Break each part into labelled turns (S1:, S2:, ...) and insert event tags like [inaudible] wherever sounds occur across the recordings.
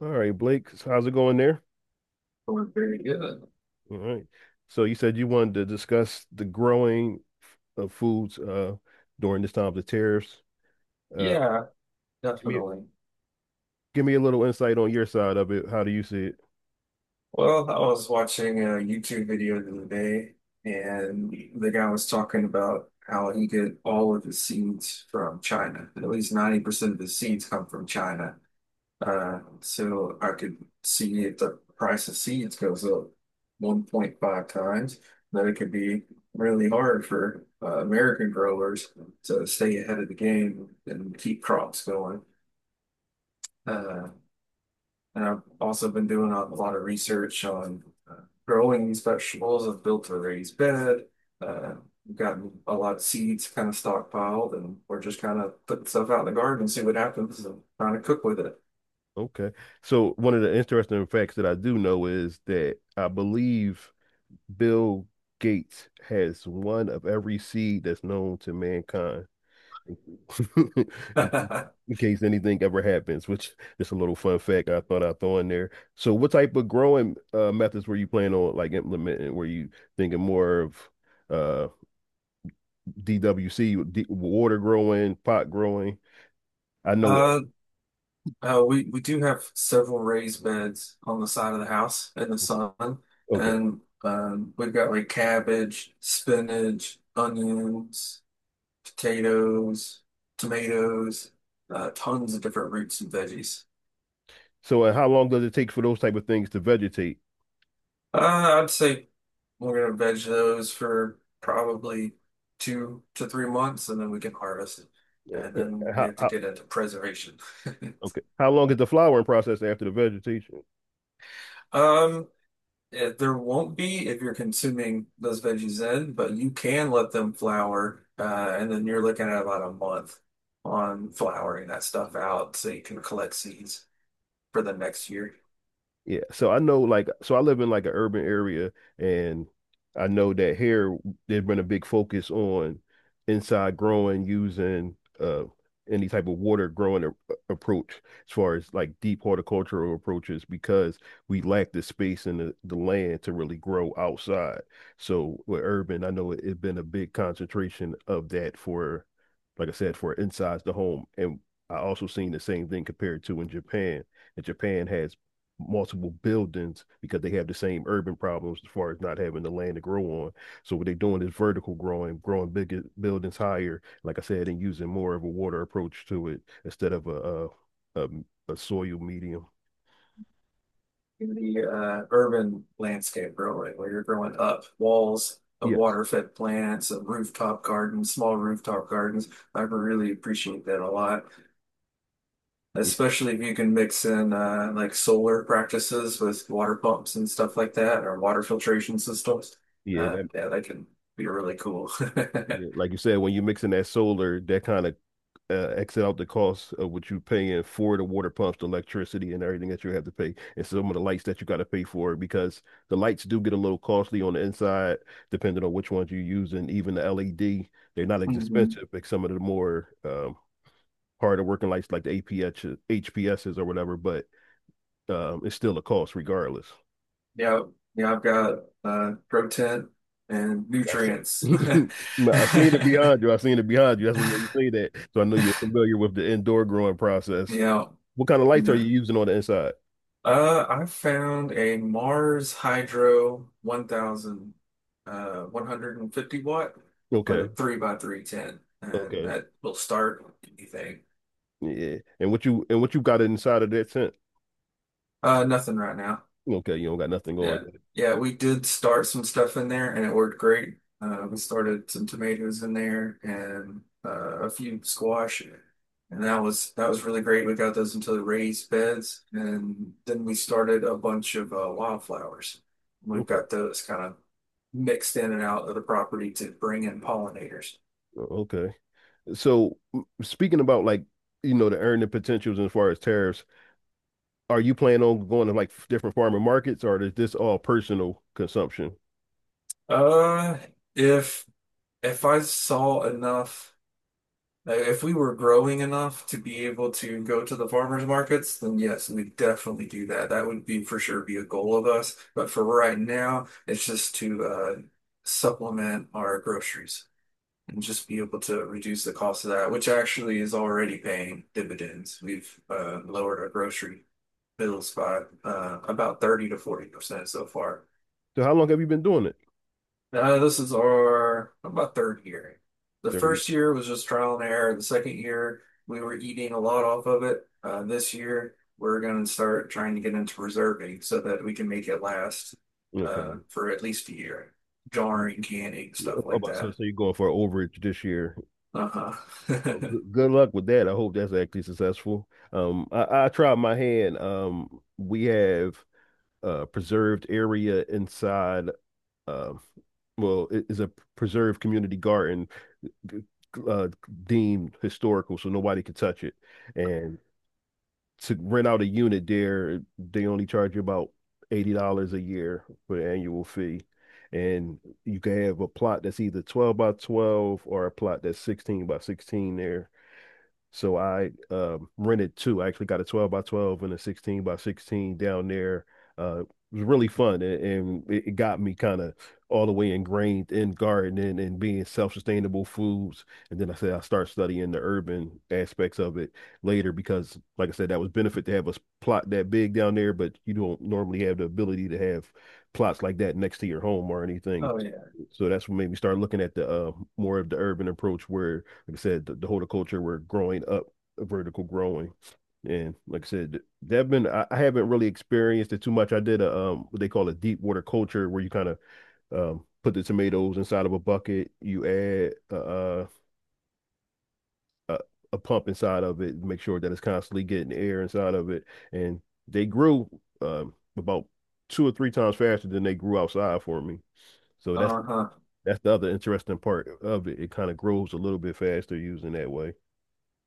S1: All right, Blake, so how's it going there?
S2: Oh, very good.
S1: All right. So you said you wanted to discuss the growing of foods during this time of the tariffs. Uh,
S2: Yeah,
S1: give me
S2: definitely.
S1: give me a little insight on your side of it. How do you see it?
S2: Well, I was watching a YouTube video the other day, and the guy was talking about how he get all of his seeds from China. At least 90% of his seeds come from China. So I could see if the price of seeds goes up 1.5 times, then it could be really hard for American growers to stay ahead of the game and keep crops going. Uh, And I've also been doing a lot of research on uh, growing these vegetables. I've built a raised bed. Uh, we've gotten a lot of seeds kind of stockpiled, and we're just kind of putting stuff out in the garden and see what happens and trying to cook with it.
S1: Okay. So one of the interesting facts that I do know is that I believe Bill Gates has one of every seed that's known to mankind. Thank you. [laughs] In case,
S2: [laughs]
S1: in case anything ever happens, which is a little fun fact I thought I'd throw in there. So, what type of growing methods were you planning on like implementing? Were you thinking more of uh, DWC, water growing, pot growing? I know.
S2: Uh, we do have several raised beds on the side of the house in the sun,
S1: Okay.
S2: and we've got like cabbage, spinach, onions, potatoes, tomatoes, tons of different roots and veggies.
S1: So, and how long does it take for those type of things to vegetate?
S2: I'd say we're gonna veg those for probably 2 to 3 months, and then we can harvest it.
S1: Eh,
S2: And
S1: eh,
S2: then we
S1: How,
S2: have to
S1: how,
S2: get into preservation. [laughs]
S1: okay. How long is the flowering process after the vegetation?
S2: Um, there won't be if you're consuming those veggies in, but you can let them flower, and then you're looking at about a month on flowering that stuff out so you can collect seeds for the next year.
S1: Yeah, so I know like so I live in like an urban area and I know that here there's been a big focus on inside growing using any type of water growing a approach as far as like deep horticultural approaches because we lack the space and the land to really grow outside. So with urban, I know it's been a big concentration of that for, like I said, for inside the home, and I also seen the same thing compared to in Japan. And Japan has multiple buildings because they have the same urban problems as far as not having the land to grow on. So what they're doing is vertical growing, growing bigger buildings higher, like I said, and using more of a water approach to it instead of a, a, a soil medium.
S2: In the urban landscape growing, where you're growing up walls of
S1: Yes.
S2: water-fed plants, of rooftop gardens, small rooftop gardens. I really appreciate that a lot,
S1: Yeah,
S2: especially if you can mix in like solar practices with water pumps and stuff like that, or water filtration systems. Uh,
S1: yeah,
S2: yeah, that can be really cool.
S1: yeah,
S2: [laughs]
S1: like you said, when you're mixing that solar, that kind of exit out the cost of what you're paying for the water pumps, the electricity, and everything that you have to pay, and some of the lights that you got to pay for because the lights do get a little costly on the inside, depending on which ones you use, and even the LED, they're not as
S2: Mhm.
S1: expensive like some of the more harder working lights like the APH, HPSs or whatever, but it's still a cost regardless.
S2: Yeah, yeah, I've got grow tent and
S1: I se- [laughs]
S2: nutrients. [laughs]
S1: I seen it behind you. I seen it behind you. That's what made me say that. So I know you're familiar with the indoor growing process.
S2: Yeah.
S1: What kind of lights are you
S2: Yeah.
S1: using on the inside?
S2: I found a Mars Hydro 1000, 150-watt with a
S1: Okay.
S2: 3 by 310 and
S1: Okay.
S2: that will start anything.
S1: Yeah. And what you got inside of that tent?
S2: Nothing right now.
S1: Okay, you don't got nothing going
S2: Yeah.
S1: yet.
S2: Yeah, we did start some stuff in there and it worked great. We started some tomatoes in there and a few squash and that was really great. We got those into the raised beds and then we started a bunch of wildflowers. We've
S1: Okay.
S2: got those kind of mixed in and out of the property to bring in pollinators.
S1: Okay. So speaking about, like, the earning potentials as far as tariffs, are you planning on going to like different farmer markets, or is this all personal consumption?
S2: Uh, if if I saw enough Now, if we were growing enough to be able to go to the farmers markets, then yes, we'd definitely do that. That would be for sure be a goal of us. But for right now, it's just to supplement our groceries and just be able to reduce the cost of that, which actually is already paying dividends. We've lowered our grocery bills by about 30 to 40% so far.
S1: So how long have you been doing it?
S2: This is our about third year. The
S1: 30.
S2: first year was just trial and error. The second year, we were eating a lot off of it. This year, we're going to start trying to get into preserving so that we can make it last
S1: Okay.
S2: for at least a year. Jarring, canning, stuff like
S1: About to,
S2: that.
S1: so you're going for an overage this year.
S2: Uh-huh.
S1: Well,
S2: [laughs]
S1: good, good luck with that. I hope that's actually successful. I tried my hand. We have a preserved area inside. Uh, well, it is a preserved community garden, g- uh, deemed historical, so nobody can touch it. And to rent out a unit there, they only charge you about $80 a year for the annual fee. And you can have a plot that's either 12 by 12 or a plot that's 16 by 16 there. So I rented two. I actually got a 12 by 12 and a 16 by 16 down there. Uh, it was really fun, and it got me kind of all the way ingrained in gardening and being self-sustainable foods. And then I said I start studying the urban aspects of it later because, like I said, that was benefit to have a plot that big down there, but you don't normally have the ability to have plots like that next to your home or anything.
S2: Oh, yeah.
S1: So that's what made me start looking at the more of the urban approach, where, like I said, the horticulture we're growing up, vertical growing, and, like I said, they've been, I haven't really experienced it too much. I did a what they call a deep water culture, where you kind of put the tomatoes inside of a bucket, you add a a pump inside of it, make sure that it's constantly getting air inside of it, and they grew about two or three times faster than they grew outside for me. So that's
S2: Uh-huh.
S1: that's the other interesting part of it. It kind of grows a little bit faster using that way.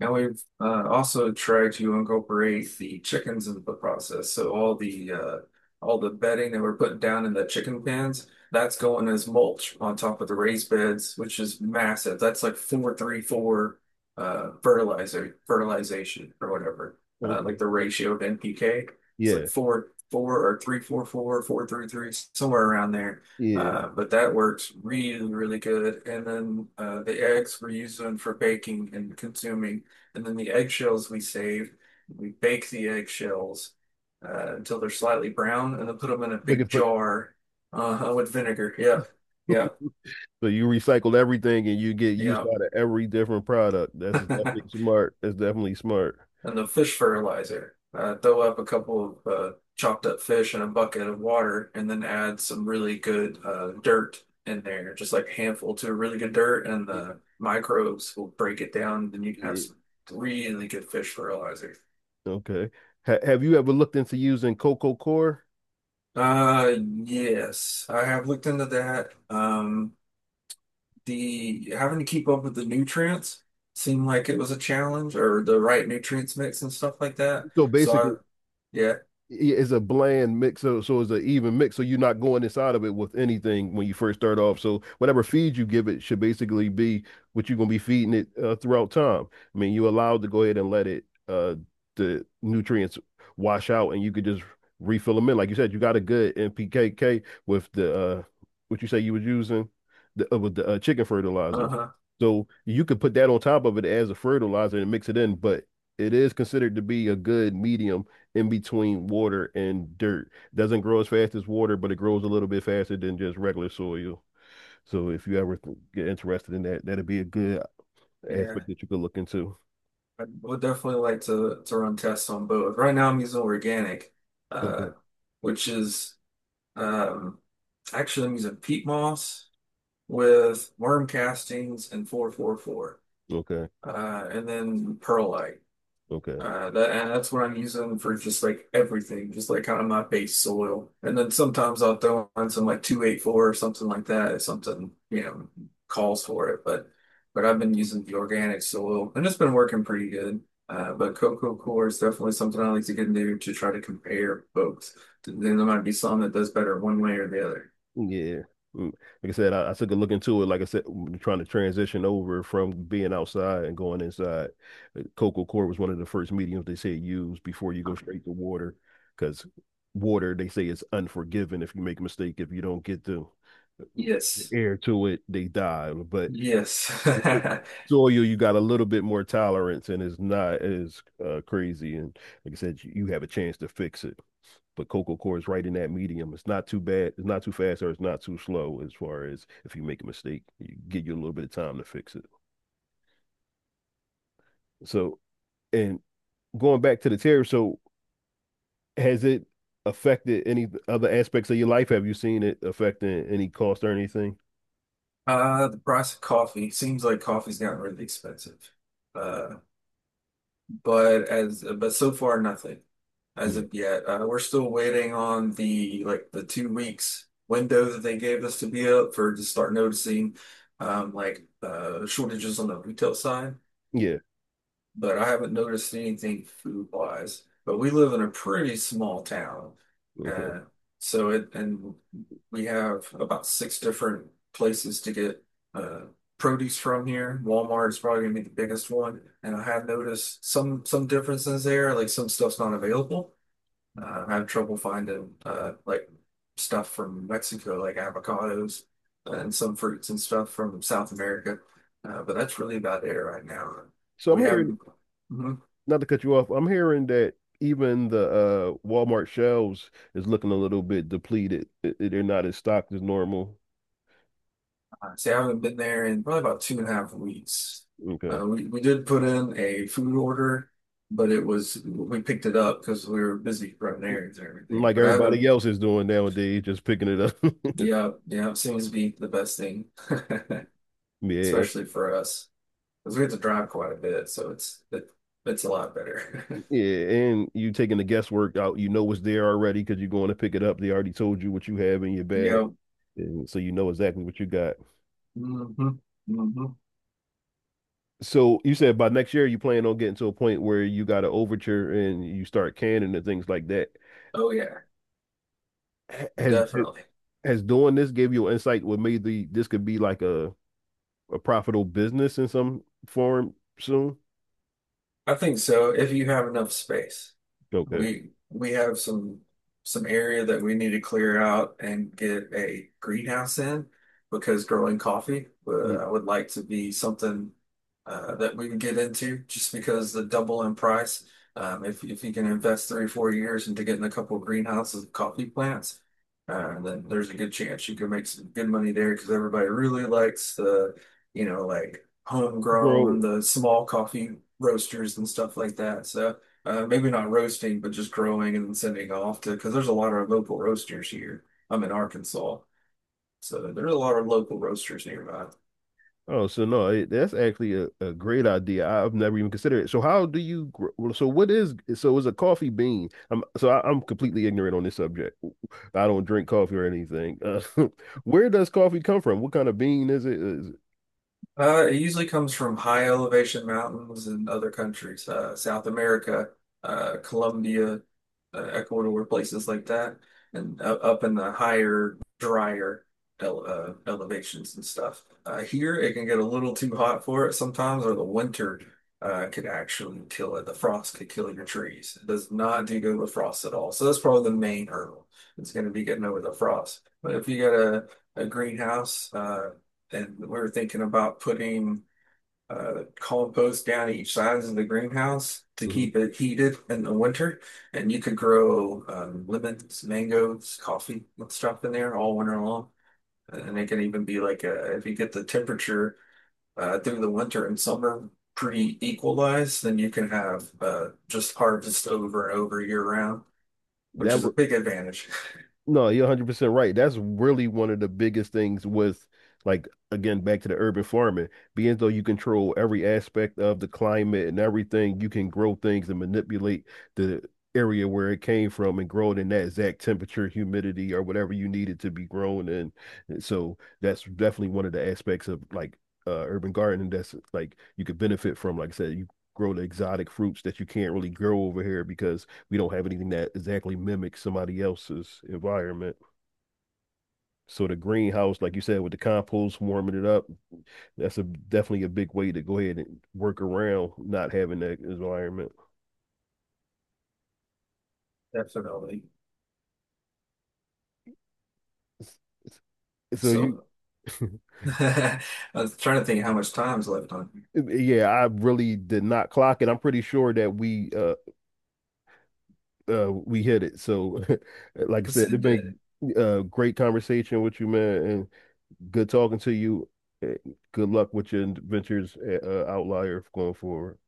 S2: Now we've also tried to incorporate the chickens into the process. So all the bedding that we're putting down in the chicken pens, that's going as mulch on top of the raised beds, which is massive. That's like 4-3-4 fertilizer fertilization or whatever. Uh,
S1: Okay.
S2: like the ratio of NPK, it's
S1: Yeah,
S2: like four 4 or 3-4-4-4-3-3 somewhere around there.
S1: yeah. [laughs]
S2: But that works really, really good. And then the eggs we're using for baking and consuming. And then the eggshells we save, we bake the eggshells until they're slightly brown and then put them in a
S1: We can
S2: big
S1: put,
S2: jar with vinegar. Yep.
S1: [laughs]
S2: Yep.
S1: so you recycle everything and you get used out of every different product. That's definitely
S2: Yep. [laughs]
S1: smart. That's definitely smart.
S2: And the fish fertilizer. Throw up a couple of chopped up fish in a bucket of water and then add some really good dirt in there, just like a handful to really good dirt, and the microbes will break it down. Then you can have
S1: Yeah.
S2: some really good fish fertilizer.
S1: Okay. Have you ever looked into using Coco Core?
S2: Yes, I have looked into that. The having to keep up with the nutrients seemed like it was a challenge or the right nutrients mix and stuff like that.
S1: So
S2: So I,
S1: basically,
S2: yeah,
S1: it's a bland mix, so it's an even mix, so you're not going inside of it with anything when you first start off, so whatever feed you give it should basically be what you're going to be feeding it throughout time. I mean, you're allowed to go ahead and let it the nutrients wash out, and you could just refill them in like you said. You got a good NPKK with the what you say you was using, the, with the chicken fertilizer,
S2: uh-huh,
S1: so you could put that on top of it as a fertilizer and mix it in, but it is considered to be a good medium in between water and dirt. Doesn't grow as fast as water, but it grows a little bit faster than just regular soil. So if you ever get interested in that, that'd be a good
S2: yeah,
S1: aspect that you could look into.
S2: I would definitely like to run tests on both. Right now I'm using organic, uh,
S1: Okay.
S2: which is um actually I'm using peat moss with worm castings and 444,
S1: Okay.
S2: and then perlite.
S1: Okay.
S2: That's what I'm using for just like everything, just like kind of my base soil. And then sometimes I'll throw on some like 284 or something like that if something, calls for it. But I've been using the organic soil and it's been working pretty good. But cocoa core is definitely something I like to get into to try to compare both. Then there might be some that does better one way or the other.
S1: Yeah. Mm. Like I said, I took a look into it. Like I said, trying to transition over from being outside and going inside. Coco core was one of the first mediums they said use before you go straight to water, because water, they say, is unforgiving if you make a mistake, if you don't get the
S2: Yes.
S1: air to it, they die. But
S2: Yes.
S1: with
S2: [laughs]
S1: soil, you got a little bit more tolerance, and it's not as crazy. And, like I said, you have a chance to fix it. But coco coir is right in that medium. It's not too bad. It's not too fast, or it's not too slow. As far as if you make a mistake, you give you a little bit of time to fix it. So, and going back to the tariff, so has it affected any other aspects of your life? Have you seen it affecting any cost or anything?
S2: The price of coffee seems like coffee's gotten really expensive. Uh, but so far nothing as
S1: Yeah.
S2: of yet. We're still waiting on the 2 weeks window that they gave us to be up for to start noticing like shortages on the retail side
S1: Yeah.
S2: but I haven't noticed anything food wise. But we live in a pretty small town,
S1: Okay.
S2: uh, so it and We have about six different places to get uh, produce from here. Walmart is probably gonna be the biggest one, and I have noticed some differences there, like some stuff's not available. I have trouble finding like stuff from Mexico, like avocados and some fruits and stuff from South America. But that's really about it right now.
S1: So I'm
S2: We
S1: hearing,
S2: haven't, Mhm.
S1: not to cut you off, I'm hearing that even the Walmart shelves is looking a little bit depleted. They're not as stocked as normal.
S2: See, I haven't been there in probably about 2.5 weeks.
S1: Okay.
S2: We did put in a food order, but we picked it up because we were busy running errands and everything.
S1: Like
S2: But I haven't.
S1: everybody else is doing nowadays, just picking it up. [laughs]
S2: Yeah, yeah, it seems to be the best thing, [laughs]
S1: Yeah,
S2: especially for us. Because we have to drive quite a bit, so it's a lot better. [laughs]
S1: yeah, and you taking the guesswork out. You know what's there already because you're going to pick it up. They already told you what you have in your bag,
S2: Yep.
S1: and so you know exactly what you got.
S2: Hmm. Hmm.
S1: So you said by next year you plan on getting to a point where you got an overture and you start canning and things like that.
S2: Oh yeah,
S1: H- Has
S2: definitely.
S1: has doing this gave you insight what maybe this could be like a profitable business in some form soon?
S2: I think so if you have enough space.
S1: Okay.
S2: We have some area that we need to clear out and get a greenhouse in because growing coffee,
S1: Yeah.
S2: I would like to be something that we can get into just because the double in price. If you can invest 3, 4 years into getting a couple of greenhouses of coffee plants, then there's a good chance you can make some good money there because everybody really likes the, like
S1: Grow.
S2: homegrown, the small coffee roasters and stuff like that. So maybe not roasting, but just growing and then sending off to, because there's a lot of local roasters here. I'm in Arkansas, so there's a lot of local roasters nearby.
S1: Oh, so no, that's actually a great idea. I've never even considered it. So how do you grow? Well, so what is so is a coffee bean? I'm completely ignorant on this subject. I don't drink coffee or anything. [laughs] Where does coffee come from? What kind of bean is it?
S2: It usually comes from high elevation mountains in other countries, South America, Colombia, Ecuador, places like that, and up in the higher, drier elevations and stuff. Here, it can get a little too hot for it sometimes, or the winter could actually kill it. The frost could kill your trees. It does not do good with frost at all. So that's probably the main hurdle. It's going to be getting over the frost. But if you got a greenhouse. And we're thinking about putting compost down each sides of the greenhouse to
S1: Mhm.
S2: keep it heated in the winter. And you could grow lemons, mangoes, coffee, and stuff in there all winter long. And it can even be like if you get the temperature through the winter and summer pretty equalized, then you can have just harvest over and over year round, which
S1: That
S2: is a
S1: would
S2: big advantage,
S1: No, you're 100% right. That's really one of the biggest things with, like, again, back to the urban farming, being though you control every aspect of the climate and everything, you can grow things and manipulate the area where it came from and grow it in that exact temperature, humidity, or whatever you need it to be grown in. And so that's definitely one of the aspects of, like, urban gardening that's like you could benefit from. Like I said, you grow the exotic fruits that you can't really grow over here because we don't have anything that exactly mimics somebody else's environment. So the greenhouse, like you said, with the compost warming it up, that's a definitely a big way to go ahead and work around not having that environment.
S2: [laughs] definitely.
S1: So you,
S2: So
S1: [laughs]
S2: [laughs] I was trying to think how much time's left on here.
S1: yeah, I really did not clock it. I'm pretty sure that we hit it. So, [laughs] like I
S2: Let's
S1: said, it's been
S2: see,
S1: a great conversation with you, man, and good talking to you. Uh, Good luck with your ventures, at, Outlier, going forward.